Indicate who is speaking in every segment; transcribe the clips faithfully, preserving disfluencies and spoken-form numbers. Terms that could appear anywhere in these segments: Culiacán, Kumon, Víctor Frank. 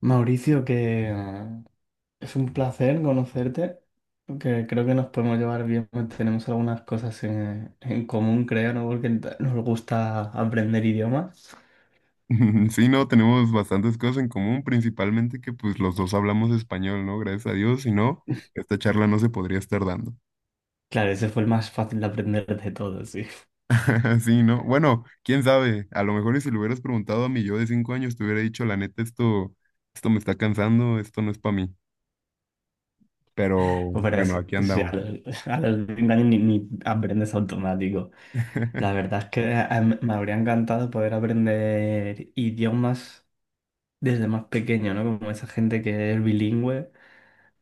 Speaker 1: Mauricio, que eh, es un placer conocerte, que creo que nos podemos llevar bien, pues tenemos algunas cosas en, en común, creo, ¿no? Porque nos gusta aprender idiomas.
Speaker 2: Sí, no, tenemos bastantes cosas en común, principalmente que pues los dos hablamos español, ¿no? Gracias a Dios, si no, esta charla no se podría estar dando.
Speaker 1: Claro, ese fue el más fácil de aprender de todos, sí.
Speaker 2: Sí, ¿no? Bueno, quién sabe, a lo mejor y si le hubieras preguntado a mi yo de cinco años, te hubiera dicho, la neta, esto, esto me está cansando, esto no es para mí, pero
Speaker 1: Pero
Speaker 2: bueno,
Speaker 1: es,
Speaker 2: aquí
Speaker 1: sí, a
Speaker 2: andamos.
Speaker 1: los, a los veinte años ni, ni aprendes automático. La verdad es que eh, em, me habría encantado poder aprender idiomas desde más pequeño, ¿no? Como esa gente que es bilingüe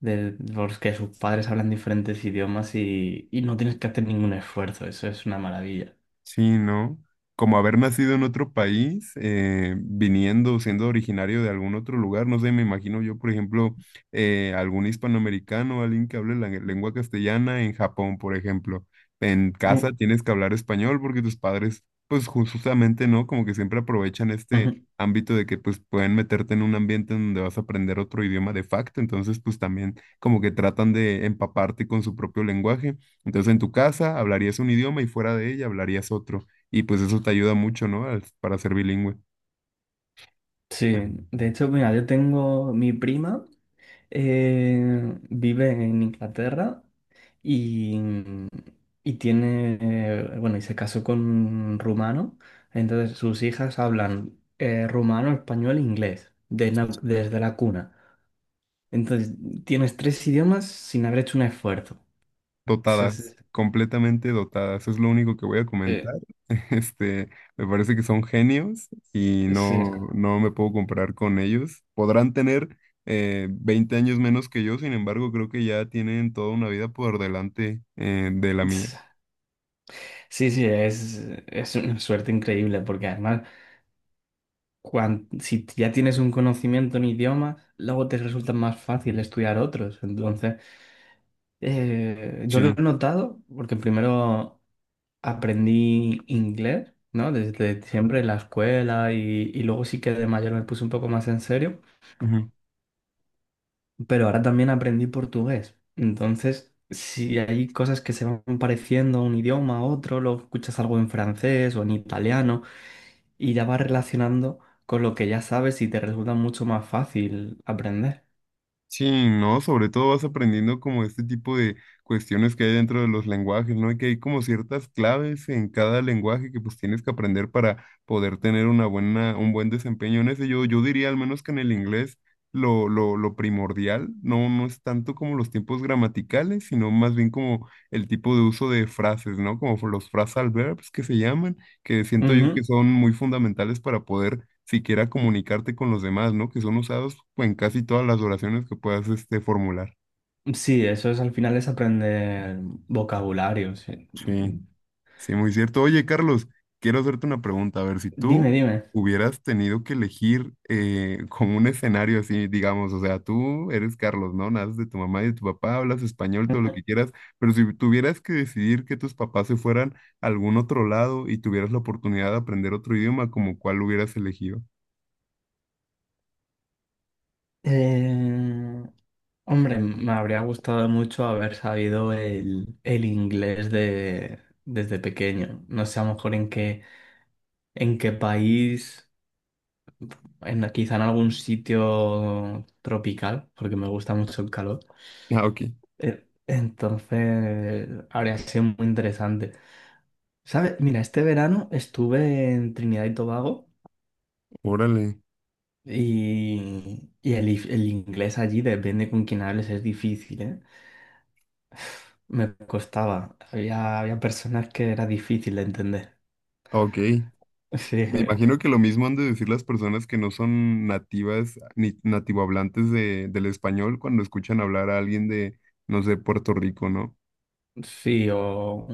Speaker 1: de, los que sus padres hablan diferentes idiomas y, y no tienes que hacer ningún esfuerzo, eso es una maravilla.
Speaker 2: Sí, ¿no? Como haber nacido en otro país, eh, viniendo, siendo originario de algún otro lugar, no sé, me imagino yo, por ejemplo, eh, algún hispanoamericano, alguien que hable la gue- lengua castellana en Japón, por ejemplo. En casa
Speaker 1: Mm.
Speaker 2: tienes que hablar español porque tus padres, pues ju- justamente, ¿no? Como que siempre aprovechan este
Speaker 1: Ujú.
Speaker 2: ámbito de que pues pueden meterte en un ambiente en donde vas a aprender otro idioma de facto, entonces pues también como que tratan de empaparte con su propio lenguaje. Entonces en tu casa hablarías un idioma y fuera de ella hablarías otro. Y pues eso te ayuda mucho, ¿no? Al- para ser bilingüe.
Speaker 1: Sí, de hecho, mira, yo tengo mi prima, eh, vive en Inglaterra y, y tiene, eh, bueno, y se casó con un rumano, entonces sus hijas hablan eh, rumano, español e inglés de na- desde la cuna. Entonces, tienes tres idiomas sin haber hecho un esfuerzo. Sí, sí,
Speaker 2: Dotadas,
Speaker 1: sí.
Speaker 2: completamente dotadas. Es lo único que voy a
Speaker 1: Sí,
Speaker 2: comentar. Este, me parece que son genios y
Speaker 1: sí.
Speaker 2: no, no me puedo comparar con ellos. Podrán tener eh, veinte años menos que yo, sin embargo, creo que ya tienen toda una vida por delante eh, de la mía.
Speaker 1: Sí, sí, es, es una suerte increíble porque además cuan- si ya tienes un conocimiento en idioma, luego te resulta más fácil estudiar otros. Entonces, eh, yo lo he
Speaker 2: Sí.
Speaker 1: notado porque primero aprendí inglés, ¿no? Desde siempre en la escuela y, y luego sí que de mayor me puse un poco más en serio, pero ahora también aprendí portugués. Entonces, si hay cosas que se van pareciendo a un idioma a otro, lo escuchas algo en francés o en italiano, y ya vas relacionando con lo que ya sabes y te resulta mucho más fácil aprender.
Speaker 2: Sí, ¿no? Sobre todo vas aprendiendo como este tipo de cuestiones que hay dentro de los lenguajes, ¿no? Y que hay como ciertas claves en cada lenguaje que pues tienes que aprender para poder tener una buena, un buen desempeño en ese. Yo, yo diría al menos que en el inglés lo, lo, lo primordial no, no es tanto como los tiempos gramaticales, sino más bien como el tipo de uso de frases, ¿no? Como los phrasal verbs que se llaman, que siento yo que
Speaker 1: Ujú.
Speaker 2: son muy fundamentales para poder siquiera comunicarte con los demás, ¿no? Que son usados pues, en casi todas las oraciones que puedas este, formular.
Speaker 1: Sí, eso es, al final es aprender vocabulario. Sí.
Speaker 2: Sí, sí, muy cierto. Oye, Carlos, quiero hacerte una pregunta. A ver, si tú
Speaker 1: Dime, dime.
Speaker 2: hubieras tenido que elegir eh, como un escenario así, digamos, o sea, tú eres Carlos, ¿no? Naces de tu mamá y de tu papá, hablas español, todo lo que quieras, pero si tuvieras que decidir que tus papás se fueran a algún otro lado y tuvieras la oportunidad de aprender otro idioma, ¿como cuál hubieras elegido?
Speaker 1: Eh, hombre, me habría gustado mucho haber sabido el, el inglés de, desde pequeño. No sé, a lo mejor en qué, en qué país, en, quizá en algún sitio tropical, porque me gusta mucho el calor.
Speaker 2: Ah, ok.
Speaker 1: Eh, Entonces, habría sido muy interesante. ¿Sabes? Mira, este verano estuve en Trinidad y Tobago
Speaker 2: Órale.
Speaker 1: y, y el, if- el inglés allí, depende con quién hables, es difícil, ¿eh? Me costaba. Había, había personas que era difícil de entender.
Speaker 2: Ok.
Speaker 1: Sí,
Speaker 2: Me imagino que lo mismo han de decir las personas que no son nativas ni nativohablantes de, del español cuando escuchan hablar a alguien de, no sé, Puerto Rico, ¿no?
Speaker 1: sí, o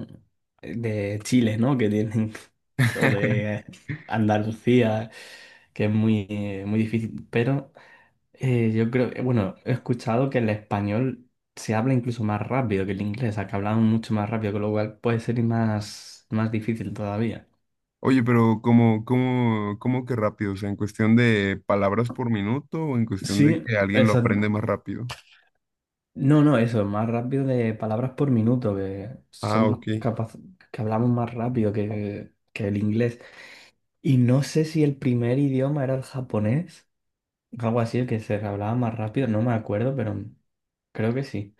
Speaker 1: de Chile, ¿no? Que tienen, o de Andalucía, que es muy, muy difícil. Pero Eh, yo creo, eh, bueno, he escuchado que el español se habla incluso más rápido que el inglés, o sea, que hablamos mucho más rápido, con lo cual puede ser más, más difícil todavía.
Speaker 2: Oye, pero ¿cómo, cómo, ¿cómo que rápido? O sea, ¿en cuestión de palabras por minuto o en cuestión de
Speaker 1: Sí,
Speaker 2: que alguien lo
Speaker 1: esa-
Speaker 2: aprende más rápido?
Speaker 1: no, no, eso, más rápido de palabras por minuto, que
Speaker 2: Ah,
Speaker 1: somos
Speaker 2: ok.
Speaker 1: capaces, que hablamos más rápido que, que el inglés. Y no sé si el primer idioma era el japonés, algo así, que se hablaba más rápido, no me acuerdo, pero creo que sí.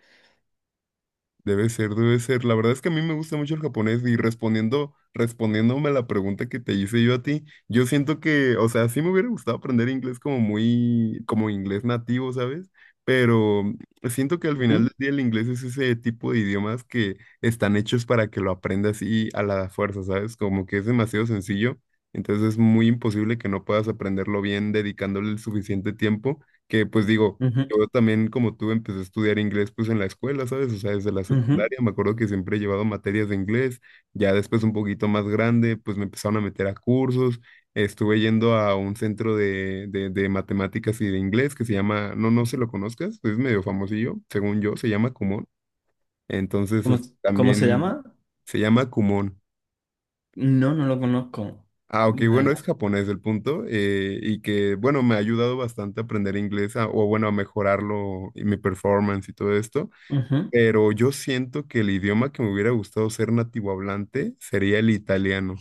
Speaker 2: Debe ser, debe ser. La verdad es que a mí me gusta mucho el japonés y respondiendo, respondiéndome a la pregunta que te hice yo a ti, yo siento que, o sea, sí me hubiera gustado aprender inglés como muy, como inglés nativo, ¿sabes? Pero siento que al final
Speaker 1: Ujú,
Speaker 2: del día el inglés es ese tipo de idiomas que están hechos para que lo aprendas y a la fuerza, ¿sabes? Como que es demasiado sencillo, entonces es muy imposible que no puedas aprenderlo bien dedicándole el suficiente tiempo, que pues digo.
Speaker 1: ujú,
Speaker 2: Yo también, como tú, empecé a estudiar inglés pues en la escuela, ¿sabes? O sea, desde la
Speaker 1: ujú.
Speaker 2: secundaria me acuerdo que siempre he llevado materias de inglés. Ya después un poquito más grande, pues me empezaron a meter a cursos. Estuve yendo a un centro de, de, de matemáticas y de inglés que se llama, no, no se lo conozcas, es medio famosillo, según yo, se llama Kumon. Entonces,
Speaker 1: ¿Cómo,
Speaker 2: es-
Speaker 1: cómo se
Speaker 2: también
Speaker 1: llama?
Speaker 2: se llama Kumon.
Speaker 1: No, no lo conozco.
Speaker 2: Ah, ok,
Speaker 1: La
Speaker 2: bueno, es
Speaker 1: verdad.
Speaker 2: japonés el punto, eh, y que, bueno, me ha ayudado bastante a aprender inglés, a- o bueno, a mejorarlo y mi performance y todo esto.
Speaker 1: Ujú.
Speaker 2: Pero yo siento que el idioma que me hubiera gustado ser nativo hablante sería el italiano.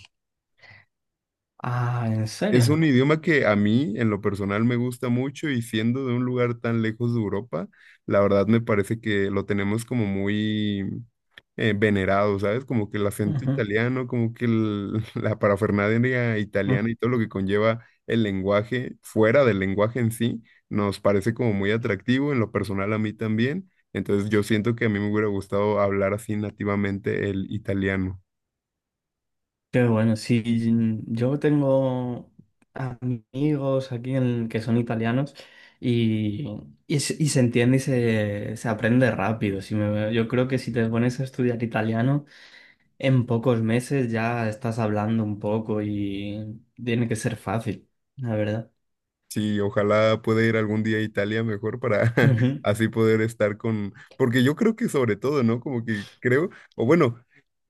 Speaker 1: Ah, ¿en
Speaker 2: Es un
Speaker 1: serio?
Speaker 2: idioma que a mí, en lo personal, me gusta mucho y siendo de un lugar tan lejos de Europa, la verdad me parece que lo tenemos como muy eh, venerado, ¿sabes? Como que el acento
Speaker 1: Ujú,
Speaker 2: italiano, como que el- la parafernalia
Speaker 1: ujú.
Speaker 2: italiana y todo lo que conlleva el lenguaje, fuera del lenguaje en sí, nos parece como muy atractivo, en lo personal a mí también. Entonces yo siento que a mí me hubiera gustado hablar así nativamente el italiano.
Speaker 1: Qué bueno, sí, mm, yo tengo amigos aquí en, que son italianos y, y, se y se entiende y se, se aprende rápido. Si me- yo creo que si te pones a estudiar italiano, en pocos meses ya estás hablando un poco y tiene que ser fácil, la verdad.
Speaker 2: Sí, ojalá pueda ir algún día a Italia mejor para
Speaker 1: Ujú,
Speaker 2: así poder estar con, porque yo creo que sobre todo, ¿no? Como que creo, o bueno,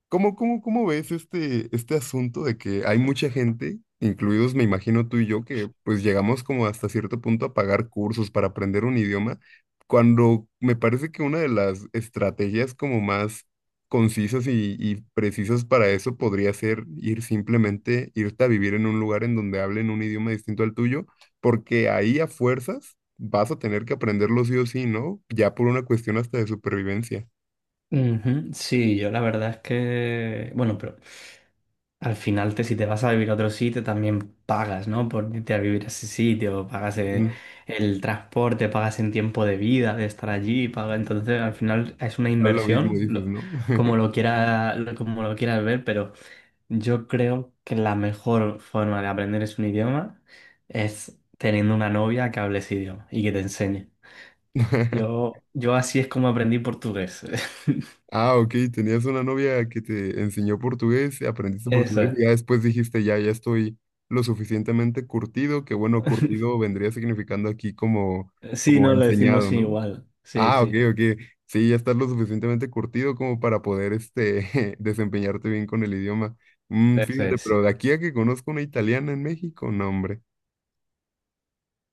Speaker 2: ¿Cómo, cómo, ¿cómo ves este, este asunto de que hay mucha gente, incluidos me imagino tú y yo, que pues llegamos como hasta cierto punto a pagar cursos para aprender un idioma, cuando me parece que una de las estrategias como más concisas y, y precisas para eso podría ser ir simplemente, irte a vivir en un lugar en donde hablen un idioma distinto al tuyo, porque ahí a fuerzas vas a tener que aprenderlo sí o sí, ¿no? Ya por una cuestión hasta de supervivencia.
Speaker 1: ujú. Sí, yo la verdad es que, bueno, pero... Al final, te, si te vas a vivir a otro sitio, también pagas, ¿no? Por irte a vivir a ese sitio, pagas eh,
Speaker 2: Mm.
Speaker 1: el transporte, pagas en tiempo de vida, de estar allí, pagas. Entonces, al final es una
Speaker 2: Claro. Lo mismo
Speaker 1: inversión,
Speaker 2: dices,
Speaker 1: lo-
Speaker 2: ¿no?
Speaker 1: como lo quiera, lo- como lo quieras ver, pero yo creo que la mejor forma de aprender es un idioma es teniendo una novia que hable ese idioma y que te enseñe. Yo, yo así es como aprendí portugués.
Speaker 2: Ah, ok, tenías una novia que te enseñó portugués, aprendiste
Speaker 1: Eso
Speaker 2: portugués
Speaker 1: es.
Speaker 2: y ya después dijiste, ya, ya estoy lo suficientemente curtido, que bueno, curtido vendría significando aquí como,
Speaker 1: Sí,
Speaker 2: como
Speaker 1: no, lo decimos
Speaker 2: enseñado, ¿no?
Speaker 1: igual. Sí,
Speaker 2: Ah, ok,
Speaker 1: sí.
Speaker 2: ok, sí, ya estás lo suficientemente curtido como para poder, este, desempeñarte bien con el idioma. Mm,
Speaker 1: Eso
Speaker 2: fíjate,
Speaker 1: es. Sí.
Speaker 2: pero de aquí a que conozco una italiana en México, no, hombre,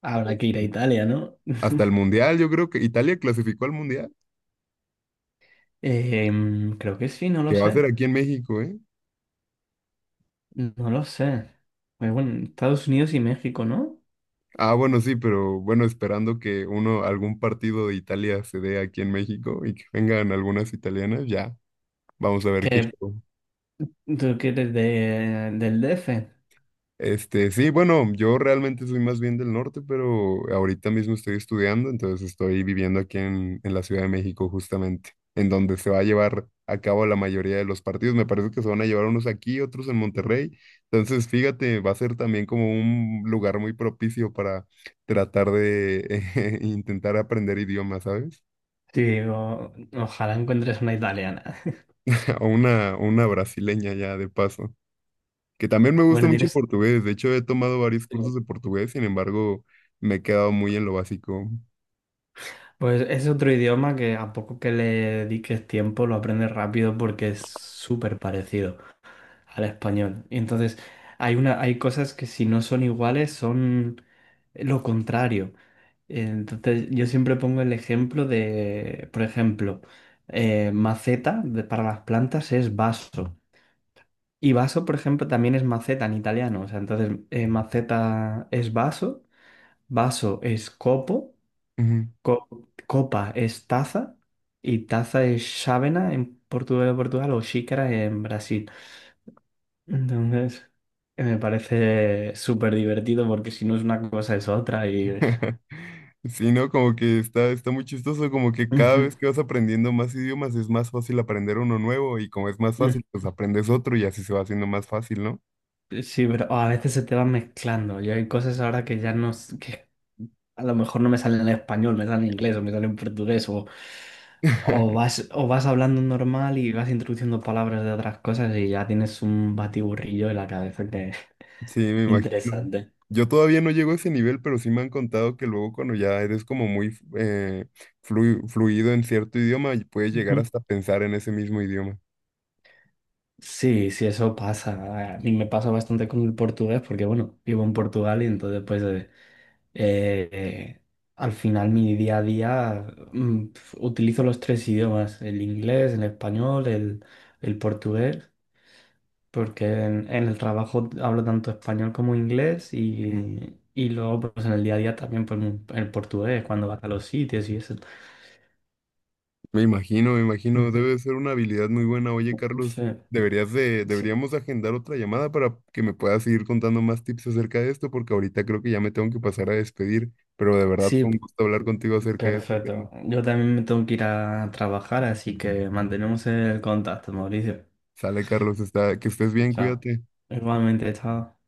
Speaker 1: Habrá que ir a
Speaker 2: eh,
Speaker 1: Italia, ¿no?
Speaker 2: hasta el mundial, yo creo que Italia clasificó al mundial,
Speaker 1: Em, creo que sí, no lo
Speaker 2: que va a ser
Speaker 1: sé.
Speaker 2: aquí en México, ¿eh?
Speaker 1: No lo sé. Muy bueno, Estados Unidos y México, ¿no?
Speaker 2: Ah, bueno, sí, pero bueno, esperando que uno, algún partido de Italia se dé aquí en México y que vengan algunas italianas, ya, vamos a ver qué
Speaker 1: Que
Speaker 2: show.
Speaker 1: tú quieres de, del D F.
Speaker 2: Este, sí, bueno, yo realmente soy más bien del norte, pero ahorita mismo estoy estudiando, entonces estoy viviendo aquí en, en la Ciudad de México justamente, en donde se va a llevar a cabo la mayoría de los partidos. Me parece que se van a llevar unos aquí, otros en Monterrey. Entonces, fíjate, va a ser también como un lugar muy propicio para tratar de intentar aprender idiomas, ¿sabes?
Speaker 1: Sí, digo, ojalá encuentres una italiana.
Speaker 2: O una, una brasileña ya de paso, que también me gusta
Speaker 1: Bueno,
Speaker 2: mucho el
Speaker 1: tienes.
Speaker 2: portugués. De hecho, he tomado varios cursos de portugués, sin embargo, me he quedado muy en lo básico.
Speaker 1: Pues es otro idioma que a poco que le dediques tiempo lo aprendes rápido porque es súper parecido al español. Y entonces hay una, hay cosas que si no son iguales son lo contrario. Entonces yo siempre pongo el ejemplo de, por ejemplo, eh, maceta de- para las plantas es vaso. Y vaso, por ejemplo, también es maceta en italiano. O sea, entonces eh, maceta es vaso, vaso es copo,
Speaker 2: Ujú.
Speaker 1: co- copa es taza y taza es chávena en Portugal, Portugal o xícara en Brasil. Entonces, eh, me parece súper divertido porque si no es una cosa es otra y...
Speaker 2: Sí, ¿no? Como que está, está muy chistoso, como que cada
Speaker 1: Ujú,
Speaker 2: vez que vas aprendiendo más idiomas es más fácil aprender uno nuevo y como es más
Speaker 1: ujú.
Speaker 2: fácil, pues aprendes otro y así se va haciendo más fácil, ¿no?
Speaker 1: Sí, pero oh, a veces se te van mezclando. Yo hay cosas ahora que ya no... s- que a lo mejor no me salen en español, me salen en inglés o me salen en portugués o, o vas, o vas hablando normal y vas introduciendo palabras de otras cosas y ya tienes un batiburrillo en la cabeza que
Speaker 2: Sí, me imagino.
Speaker 1: interesante.
Speaker 2: Yo todavía no llego a ese nivel, pero sí me han contado que luego cuando ya eres como muy eh, flu- fluido en cierto idioma, y puedes llegar
Speaker 1: Ujú.
Speaker 2: hasta pensar en ese mismo idioma.
Speaker 1: Sí, sí, eso pasa. A mí me pasa bastante con el portugués porque, bueno, vivo en Portugal y entonces pues eh, eh, al final mi día a día, mm, pf, utilizo los tres idiomas, el inglés, el español, el, el portugués, porque en, en el trabajo hablo tanto español como inglés y, y luego pues en el día a día también pues, mm, el portugués cuando vas a los sitios y eso.
Speaker 2: Me imagino, me imagino, debe
Speaker 1: Ujú.
Speaker 2: de ser una habilidad muy buena. Oye, Carlos,
Speaker 1: Sí,
Speaker 2: deberías de,
Speaker 1: sí,
Speaker 2: deberíamos agendar otra llamada para que me puedas seguir contando más tips acerca de esto, porque ahorita creo que ya me tengo que pasar a despedir, pero de verdad fue
Speaker 1: sí,
Speaker 2: un gusto hablar contigo acerca de este tema.
Speaker 1: perfecto. Yo también me tengo que ir a trabajar, así que mantenemos el contacto, Mauricio.
Speaker 2: Sale, Carlos, está, que estés bien,
Speaker 1: Chao.
Speaker 2: cuídate.
Speaker 1: Igualmente, chao.